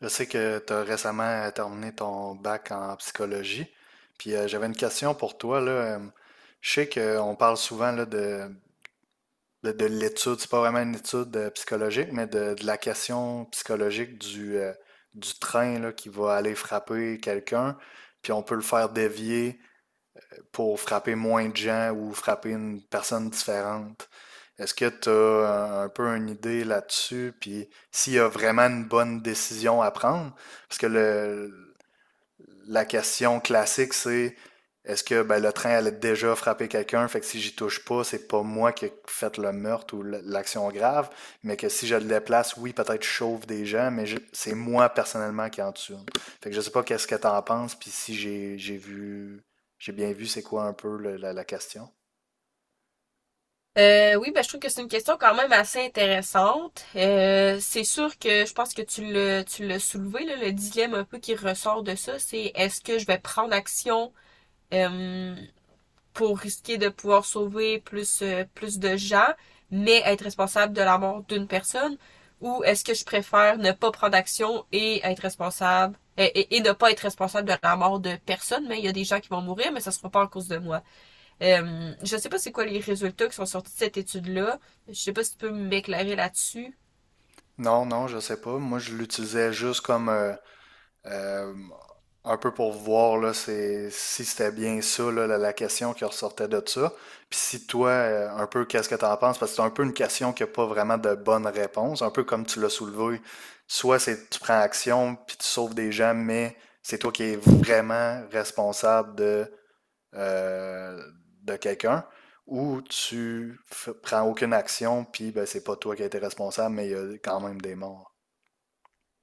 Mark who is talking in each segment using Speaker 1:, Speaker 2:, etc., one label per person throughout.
Speaker 1: Je sais que tu as récemment terminé ton bac en psychologie. Puis j'avais une question pour toi, là. Euh, Je sais qu'on parle souvent là, de, de l'étude, c'est pas vraiment une étude psychologique, mais de la question psychologique du train là, qui va aller frapper quelqu'un, puis on peut le faire dévier pour frapper moins de gens ou frapper une personne différente. Est-ce que tu as un peu une idée là-dessus? Puis s'il y a vraiment une bonne décision à prendre? Parce que la question classique, c'est est-ce que ben, le train allait déjà frapper quelqu'un? Fait que si j'y touche pas, c'est pas moi qui ai fait le meurtre ou l'action grave, mais que si je le déplace, oui, peut-être je chauffe des gens, mais c'est moi personnellement qui en tue un. Fait que je sais pas qu'est-ce que t'en penses, puis si j'ai bien vu c'est quoi un peu la question.
Speaker 2: Oui, ben, je trouve que c'est une question quand même assez intéressante. C'est sûr que je pense que tu l'as soulevé, là, le dilemme un peu qui ressort de ça, c'est est-ce que je vais prendre action euh, pour risquer de pouvoir sauver plus, plus de gens, mais être responsable de la mort d'une personne, ou est-ce que je préfère ne pas prendre action et être responsable et ne pas être responsable de la mort de personne, mais il y a des gens qui vont mourir, mais ça sera pas à cause de moi. Je ne sais pas c'est quoi les résultats qui sont sortis de cette étude-là. Je ne sais pas si tu peux m'éclairer là-dessus.
Speaker 1: Non, non, je sais pas. Moi, je l'utilisais juste comme euh, un peu pour voir là, si c'était bien ça, là, la question qui ressortait de ça. Puis si toi, un peu, qu'est-ce que tu en penses? Parce que c'est un peu une question qui n'a pas vraiment de bonne réponse, un peu comme tu l'as soulevé. Soit c'est tu prends action, puis tu sauves des gens, mais c'est toi qui es vraiment responsable euh, de quelqu'un. Ou tu prends aucune action, puis ben, c'est pas toi qui as été responsable, mais il y a quand même des morts.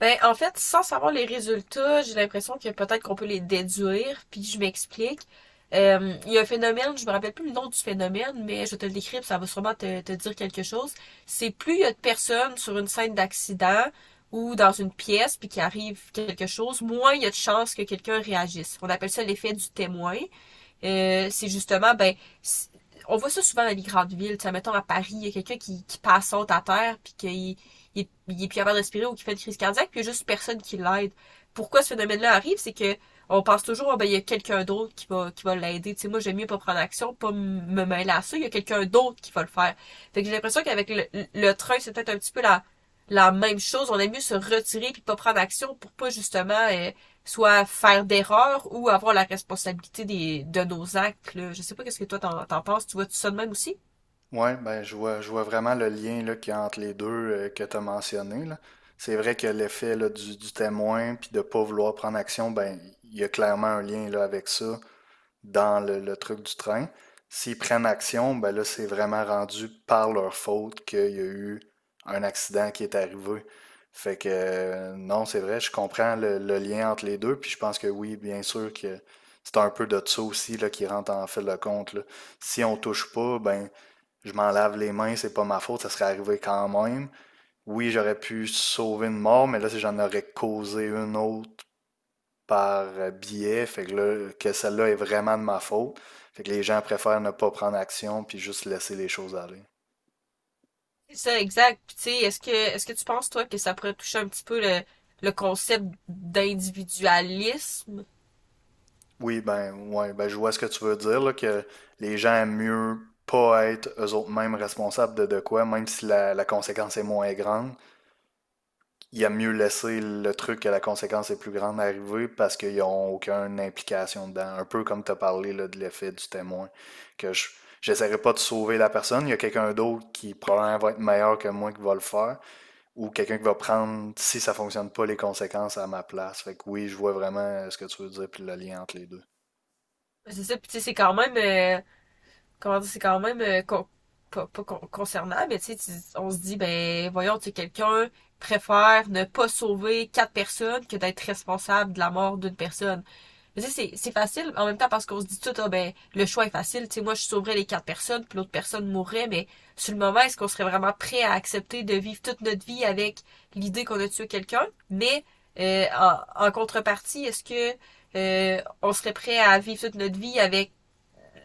Speaker 2: Ben, en fait, sans savoir les résultats, j'ai l'impression que peut-être qu'on peut les déduire, puis je m'explique. Il y a un phénomène, je me rappelle plus le nom du phénomène, mais je te le décris, ça va sûrement te dire quelque chose. C'est plus il y a de personnes sur une scène d'accident ou dans une pièce, puis qu'il arrive quelque chose, moins il y a de chances que quelqu'un réagisse. On appelle ça l'effet du témoin. C'est justement, ben, on voit ça souvent dans les grandes villes. Tu sais, mettons à Paris, il y a quelqu'un qui passe saute à terre, puis qu'il il est plus capable de respirer ou qui fait une crise cardiaque, puis il y a juste personne qui l'aide. Pourquoi ce phénomène-là arrive, c'est que on pense toujours, oh, ben, il y a quelqu'un d'autre qui va l'aider. Tu sais, moi, j'aime mieux pas prendre action, pas me mêler à ça. Il y a quelqu'un d'autre qui va le faire. Fait que j'ai l'impression qu'avec le train, c'est peut-être un petit peu la même chose. On aime mieux se retirer puis pas prendre action pour pas justement soit faire d'erreurs ou avoir la responsabilité de nos actes. Là, je sais pas qu'est-ce que toi t'en penses. Tu vois tu ça de même aussi?
Speaker 1: Ouais, ben je vois, vraiment le lien là, qu'il y a entre les deux que tu as mentionné, là. C'est vrai que l'effet là, du témoin puis de ne pas vouloir prendre action, ben il y a clairement un lien là, avec ça, dans le truc du train. S'ils prennent action, ben là, c'est vraiment rendu par leur faute qu'il y a eu un accident qui est arrivé. Fait que non, c'est vrai, je comprends le lien entre les deux, puis je pense que oui, bien sûr que c'est un peu de ça aussi là, qui rentre en fil de compte, là. Si on touche pas, ben je m'en lave les mains, c'est pas ma faute, ça serait arrivé quand même. Oui, j'aurais pu sauver une mort, mais là, si j'en aurais causé une autre par biais, fait que là, que celle-là est vraiment de ma faute. Fait que les gens préfèrent ne pas prendre action puis juste laisser les choses aller.
Speaker 2: C'est ça, exact. Puis, tu sais, est-ce que tu penses toi que ça pourrait toucher un petit peu le concept d'individualisme?
Speaker 1: Oui, ben, ouais, ben, je vois ce que tu veux dire, là, que les gens aiment mieux pas être eux autres mêmes responsables de quoi, même si la conséquence est moins grande. Il y a mieux laisser le truc que la conséquence est plus grande arriver parce qu'ils n'ont aucune implication dedans. Un peu comme tu as parlé là, de l'effet du témoin. Que je j'essaierai pas de sauver la personne. Il y a quelqu'un d'autre qui probablement va être meilleur que moi qui va le faire, ou quelqu'un qui va prendre, si ça fonctionne pas, les conséquences à ma place. Fait que oui, je vois vraiment ce que tu veux dire, puis le lien entre les deux.
Speaker 2: C'est ça. Puis tu sais, c'est quand même comment dire, c'est quand même pas concernant, mais tu sais, on se dit, ben voyons, tu sais, quelqu'un préfère ne pas sauver quatre personnes que d'être responsable de la mort d'une personne. Mais tu sais, c'est facile en même temps parce qu'on se dit tout, ah ben le choix est facile, tu sais, moi je sauverais les quatre personnes, puis l'autre personne mourrait, mais sur le moment, est-ce qu'on serait vraiment prêt à accepter de vivre toute notre vie avec l'idée qu'on a tué quelqu'un? Mais en contrepartie, est-ce que on serait prêt à vivre toute notre vie avec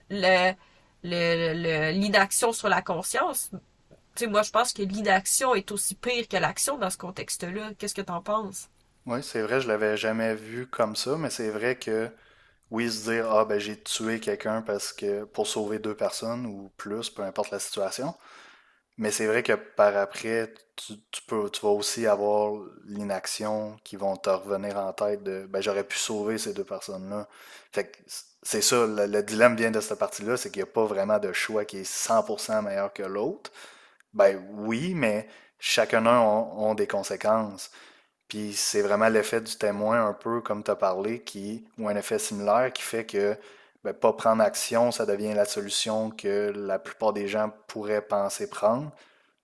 Speaker 2: le, le- l'inaction sur la conscience. Tu sais, moi, je pense que l'inaction est aussi pire que l'action dans ce contexte-là. Qu'est-ce que t'en penses?
Speaker 1: Oui, c'est vrai, je l'avais jamais vu comme ça, mais c'est vrai que oui, se dire: «Ah ben j'ai tué quelqu'un», parce que pour sauver deux personnes ou plus, peu importe la situation. Mais c'est vrai que par après, tu vas aussi avoir l'inaction qui vont te revenir en tête de ben j'aurais pu sauver ces deux personnes-là. Fait que c'est ça, le dilemme vient de cette partie-là, c'est qu'il n'y a pas vraiment de choix qui est 100% meilleur que l'autre. Ben oui, mais chacun d'eux ont des conséquences. Puis c'est vraiment l'effet du témoin, un peu comme tu as parlé, ou un effet similaire qui fait que ben, pas prendre action, ça devient la solution que la plupart des gens pourraient penser prendre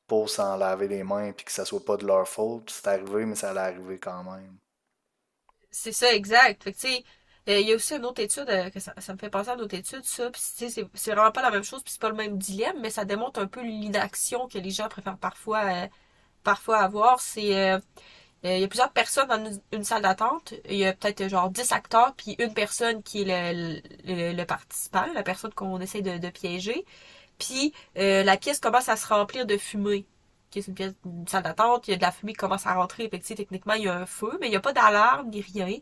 Speaker 1: pour s'en laver les mains puis que ça soit pas de leur faute. C'est arrivé, mais ça allait arriver quand même.
Speaker 2: C'est ça, exact. Fait que, tu sais, il y a aussi une autre étude, que ça me fait penser à une autre étude ça. Puis, tu sais, c'est vraiment pas la même chose, puis c'est pas le même dilemme, mais ça démontre un peu l'inaction que les gens préfèrent parfois, parfois avoir. C'est, il y a plusieurs personnes dans une salle d'attente. Il y a peut-être genre 10 acteurs, puis une personne qui est le participant, la personne qu'on essaie de piéger. Puis la pièce commence à se remplir de fumée. Okay, c'est une pièce, une salle d'attente, il y a de la fumée qui commence à rentrer. Fait que, tu sais, techniquement, il y a un feu, mais il n'y a pas d'alarme ni rien.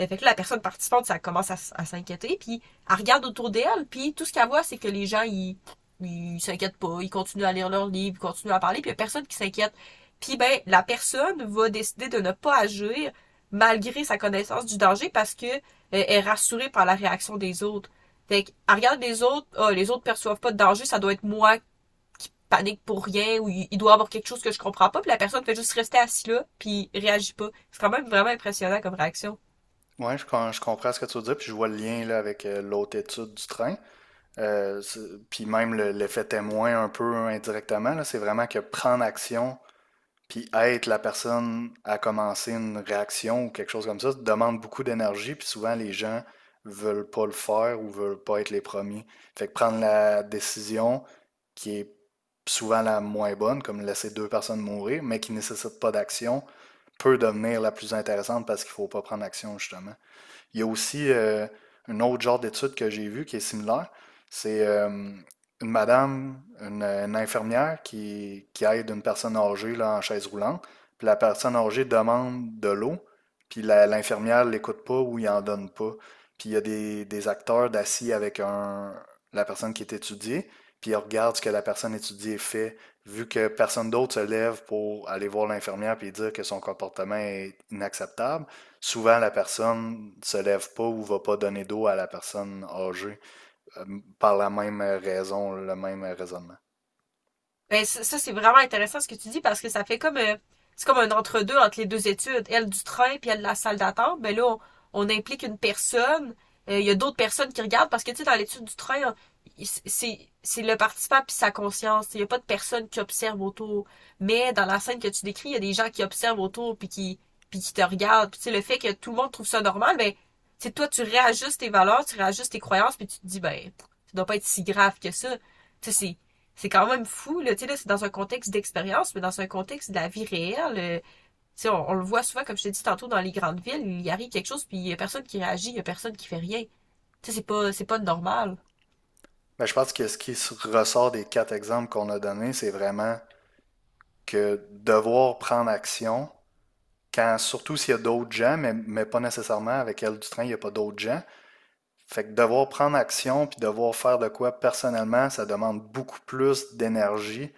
Speaker 2: Fait que là, la personne participante, ça commence à s'inquiéter. Puis elle regarde autour d'elle, puis tout ce qu'elle voit, c'est que les gens, ils s'inquiètent pas, ils continuent à lire leurs livres, ils continuent à parler, puis il y a personne qui s'inquiète. Puis ben, la personne va décider de ne pas agir malgré sa connaissance du danger parce que elle est rassurée par la réaction des autres. Fait que, elle regarde les autres, ah, les autres perçoivent pas de danger, ça doit être moi qui panique pour rien ou il doit y avoir quelque chose que je comprends pas, puis la personne fait juste rester assise là, puis réagit pas. C'est quand même vraiment impressionnant comme réaction.
Speaker 1: Ouais, je comprends ce que tu veux dire, puis je vois le lien là, avec l'autre étude du train. Euh, puis même l'effet témoin un peu indirectement, là, c'est vraiment que prendre action, puis être la personne à commencer une réaction ou quelque chose comme ça demande beaucoup d'énergie, puis souvent les gens veulent pas le faire ou veulent pas être les premiers. Fait que prendre la décision qui est souvent la moins bonne, comme laisser deux personnes mourir, mais qui ne nécessite pas d'action, peut devenir la plus intéressante parce qu'il faut pas prendre action, justement. Il y a aussi un autre genre d'étude que j'ai vu qui est similaire. C'est une infirmière qui aide une personne âgée là, en chaise roulante. Puis la personne âgée demande de l'eau, puis l'infirmière l'écoute pas ou il en donne pas. Puis il y a des acteurs d'assis avec la personne qui est étudiée, puis ils regardent ce que la personne étudiée fait, vu que personne d'autre se lève pour aller voir l'infirmière puis dire que son comportement est inacceptable. Souvent, la personne ne se lève pas ou ne va pas donner d'eau à la personne âgée euh, par la même raison, le même raisonnement.
Speaker 2: Ben, ça, c'est vraiment intéressant ce que tu dis parce que ça fait comme c'est comme un entre-deux entre les deux études. Elle du train puis elle de la salle d'attente. Ben là, on implique une personne. Il y a d'autres personnes qui regardent parce que tu sais, dans l'étude du train, hein, c'est le participant puis sa conscience. Il n'y a pas de personne qui observe autour. Mais dans la scène que tu décris, il y a des gens qui observent autour puis qui te regardent. Puis tu sais, le fait que tout le monde trouve ça normal, ben tu sais, toi tu réajustes tes valeurs, tu réajustes tes croyances puis tu te dis ben ça doit pas être si grave que ça. Tu sais, c'est quand même fou. Là, tu sais, là, c'est dans un contexte d'expérience, mais dans un contexte de la vie réelle. Tu sais, on le voit souvent, comme je t'ai dit tantôt, dans les grandes villes, il arrive quelque chose, puis il y a personne qui réagit, il y a personne qui fait rien. Tu sais, c'est pas normal.
Speaker 1: Mais je pense que ce qui ressort des quatre exemples qu'on a donnés, c'est vraiment que devoir prendre action, quand, surtout s'il y a d'autres gens, mais pas nécessairement avec elle du train, il n'y a pas d'autres gens. Fait que devoir prendre action puis devoir faire de quoi personnellement, ça demande beaucoup plus d'énergie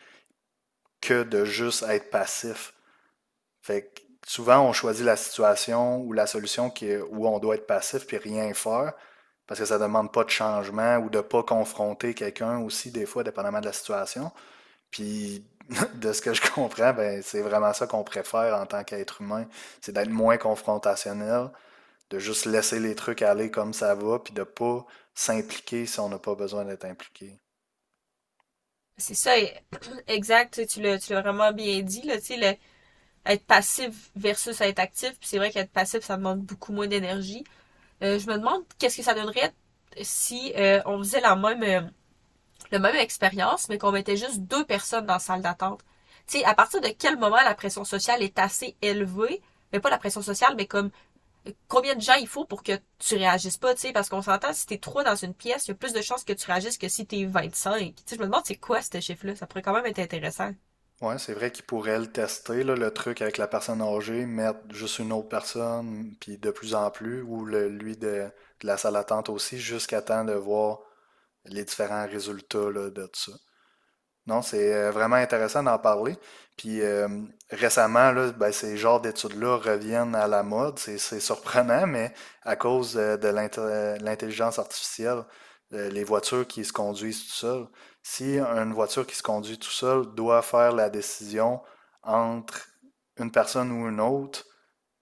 Speaker 1: que de juste être passif. Fait que souvent, on choisit la situation ou la solution où on doit être passif puis rien faire parce que ça demande pas de changement ou de pas confronter quelqu'un aussi, des fois, dépendamment de la situation. Puis, de ce que je comprends, ben, c'est vraiment ça qu'on préfère en tant qu'être humain, c'est d'être moins confrontationnel, de juste laisser les trucs aller comme ça va, puis de pas s'impliquer si on n'a pas besoin d'être impliqué.
Speaker 2: C'est ça, exact. Tu l'as vraiment bien dit, là, tu sais, être passif versus être actif. Puis c'est vrai qu'être passif, ça demande beaucoup moins d'énergie. Je me demande qu'est-ce que ça donnerait si on faisait le même expérience, mais qu'on mettait juste deux personnes dans la salle d'attente. Tu sais, à partir de quel moment la pression sociale est assez élevée, mais pas la pression sociale, mais comme combien de gens il faut pour que tu réagisses pas, tu sais, parce qu'on s'entend, si t'es trois dans une pièce, il y a plus de chances que tu réagisses que si t'es 25. Tu sais, je me demande c'est quoi ce chiffre-là, ça pourrait quand même être intéressant.
Speaker 1: Ouais, c'est vrai qu'ils pourraient le tester, là, le truc avec la personne âgée, mettre juste une autre personne, puis de plus en plus, ou lui de la salle d'attente aussi, jusqu'à temps de voir les différents résultats là, de ça. Non, c'est vraiment intéressant d'en parler. Puis récemment, là, ben, ces genres d'études-là reviennent à la mode. C'est surprenant, mais à cause de l'intelligence artificielle, les voitures qui se conduisent tout seules, si une voiture qui se conduit tout seule doit faire la décision entre une personne ou une autre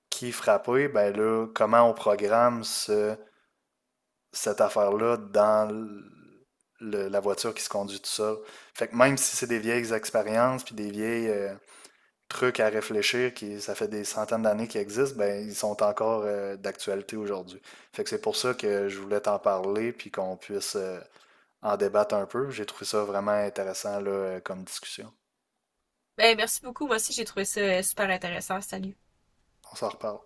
Speaker 1: qui frapper, ben là, comment on programme cette affaire-là dans la voiture qui se conduit tout seul. Fait que même si c'est des vieilles expériences puis des vieilles trucs à réfléchir qui ça fait des centaines d'années qu'ils existent, ben ils sont encore d'actualité aujourd'hui. Fait que c'est pour ça que je voulais t'en parler puis qu'on puisse en débattre un peu. J'ai trouvé ça vraiment intéressant là, comme discussion.
Speaker 2: Ben, merci beaucoup, moi aussi j'ai trouvé ça super intéressant, salut.
Speaker 1: On s'en reparle.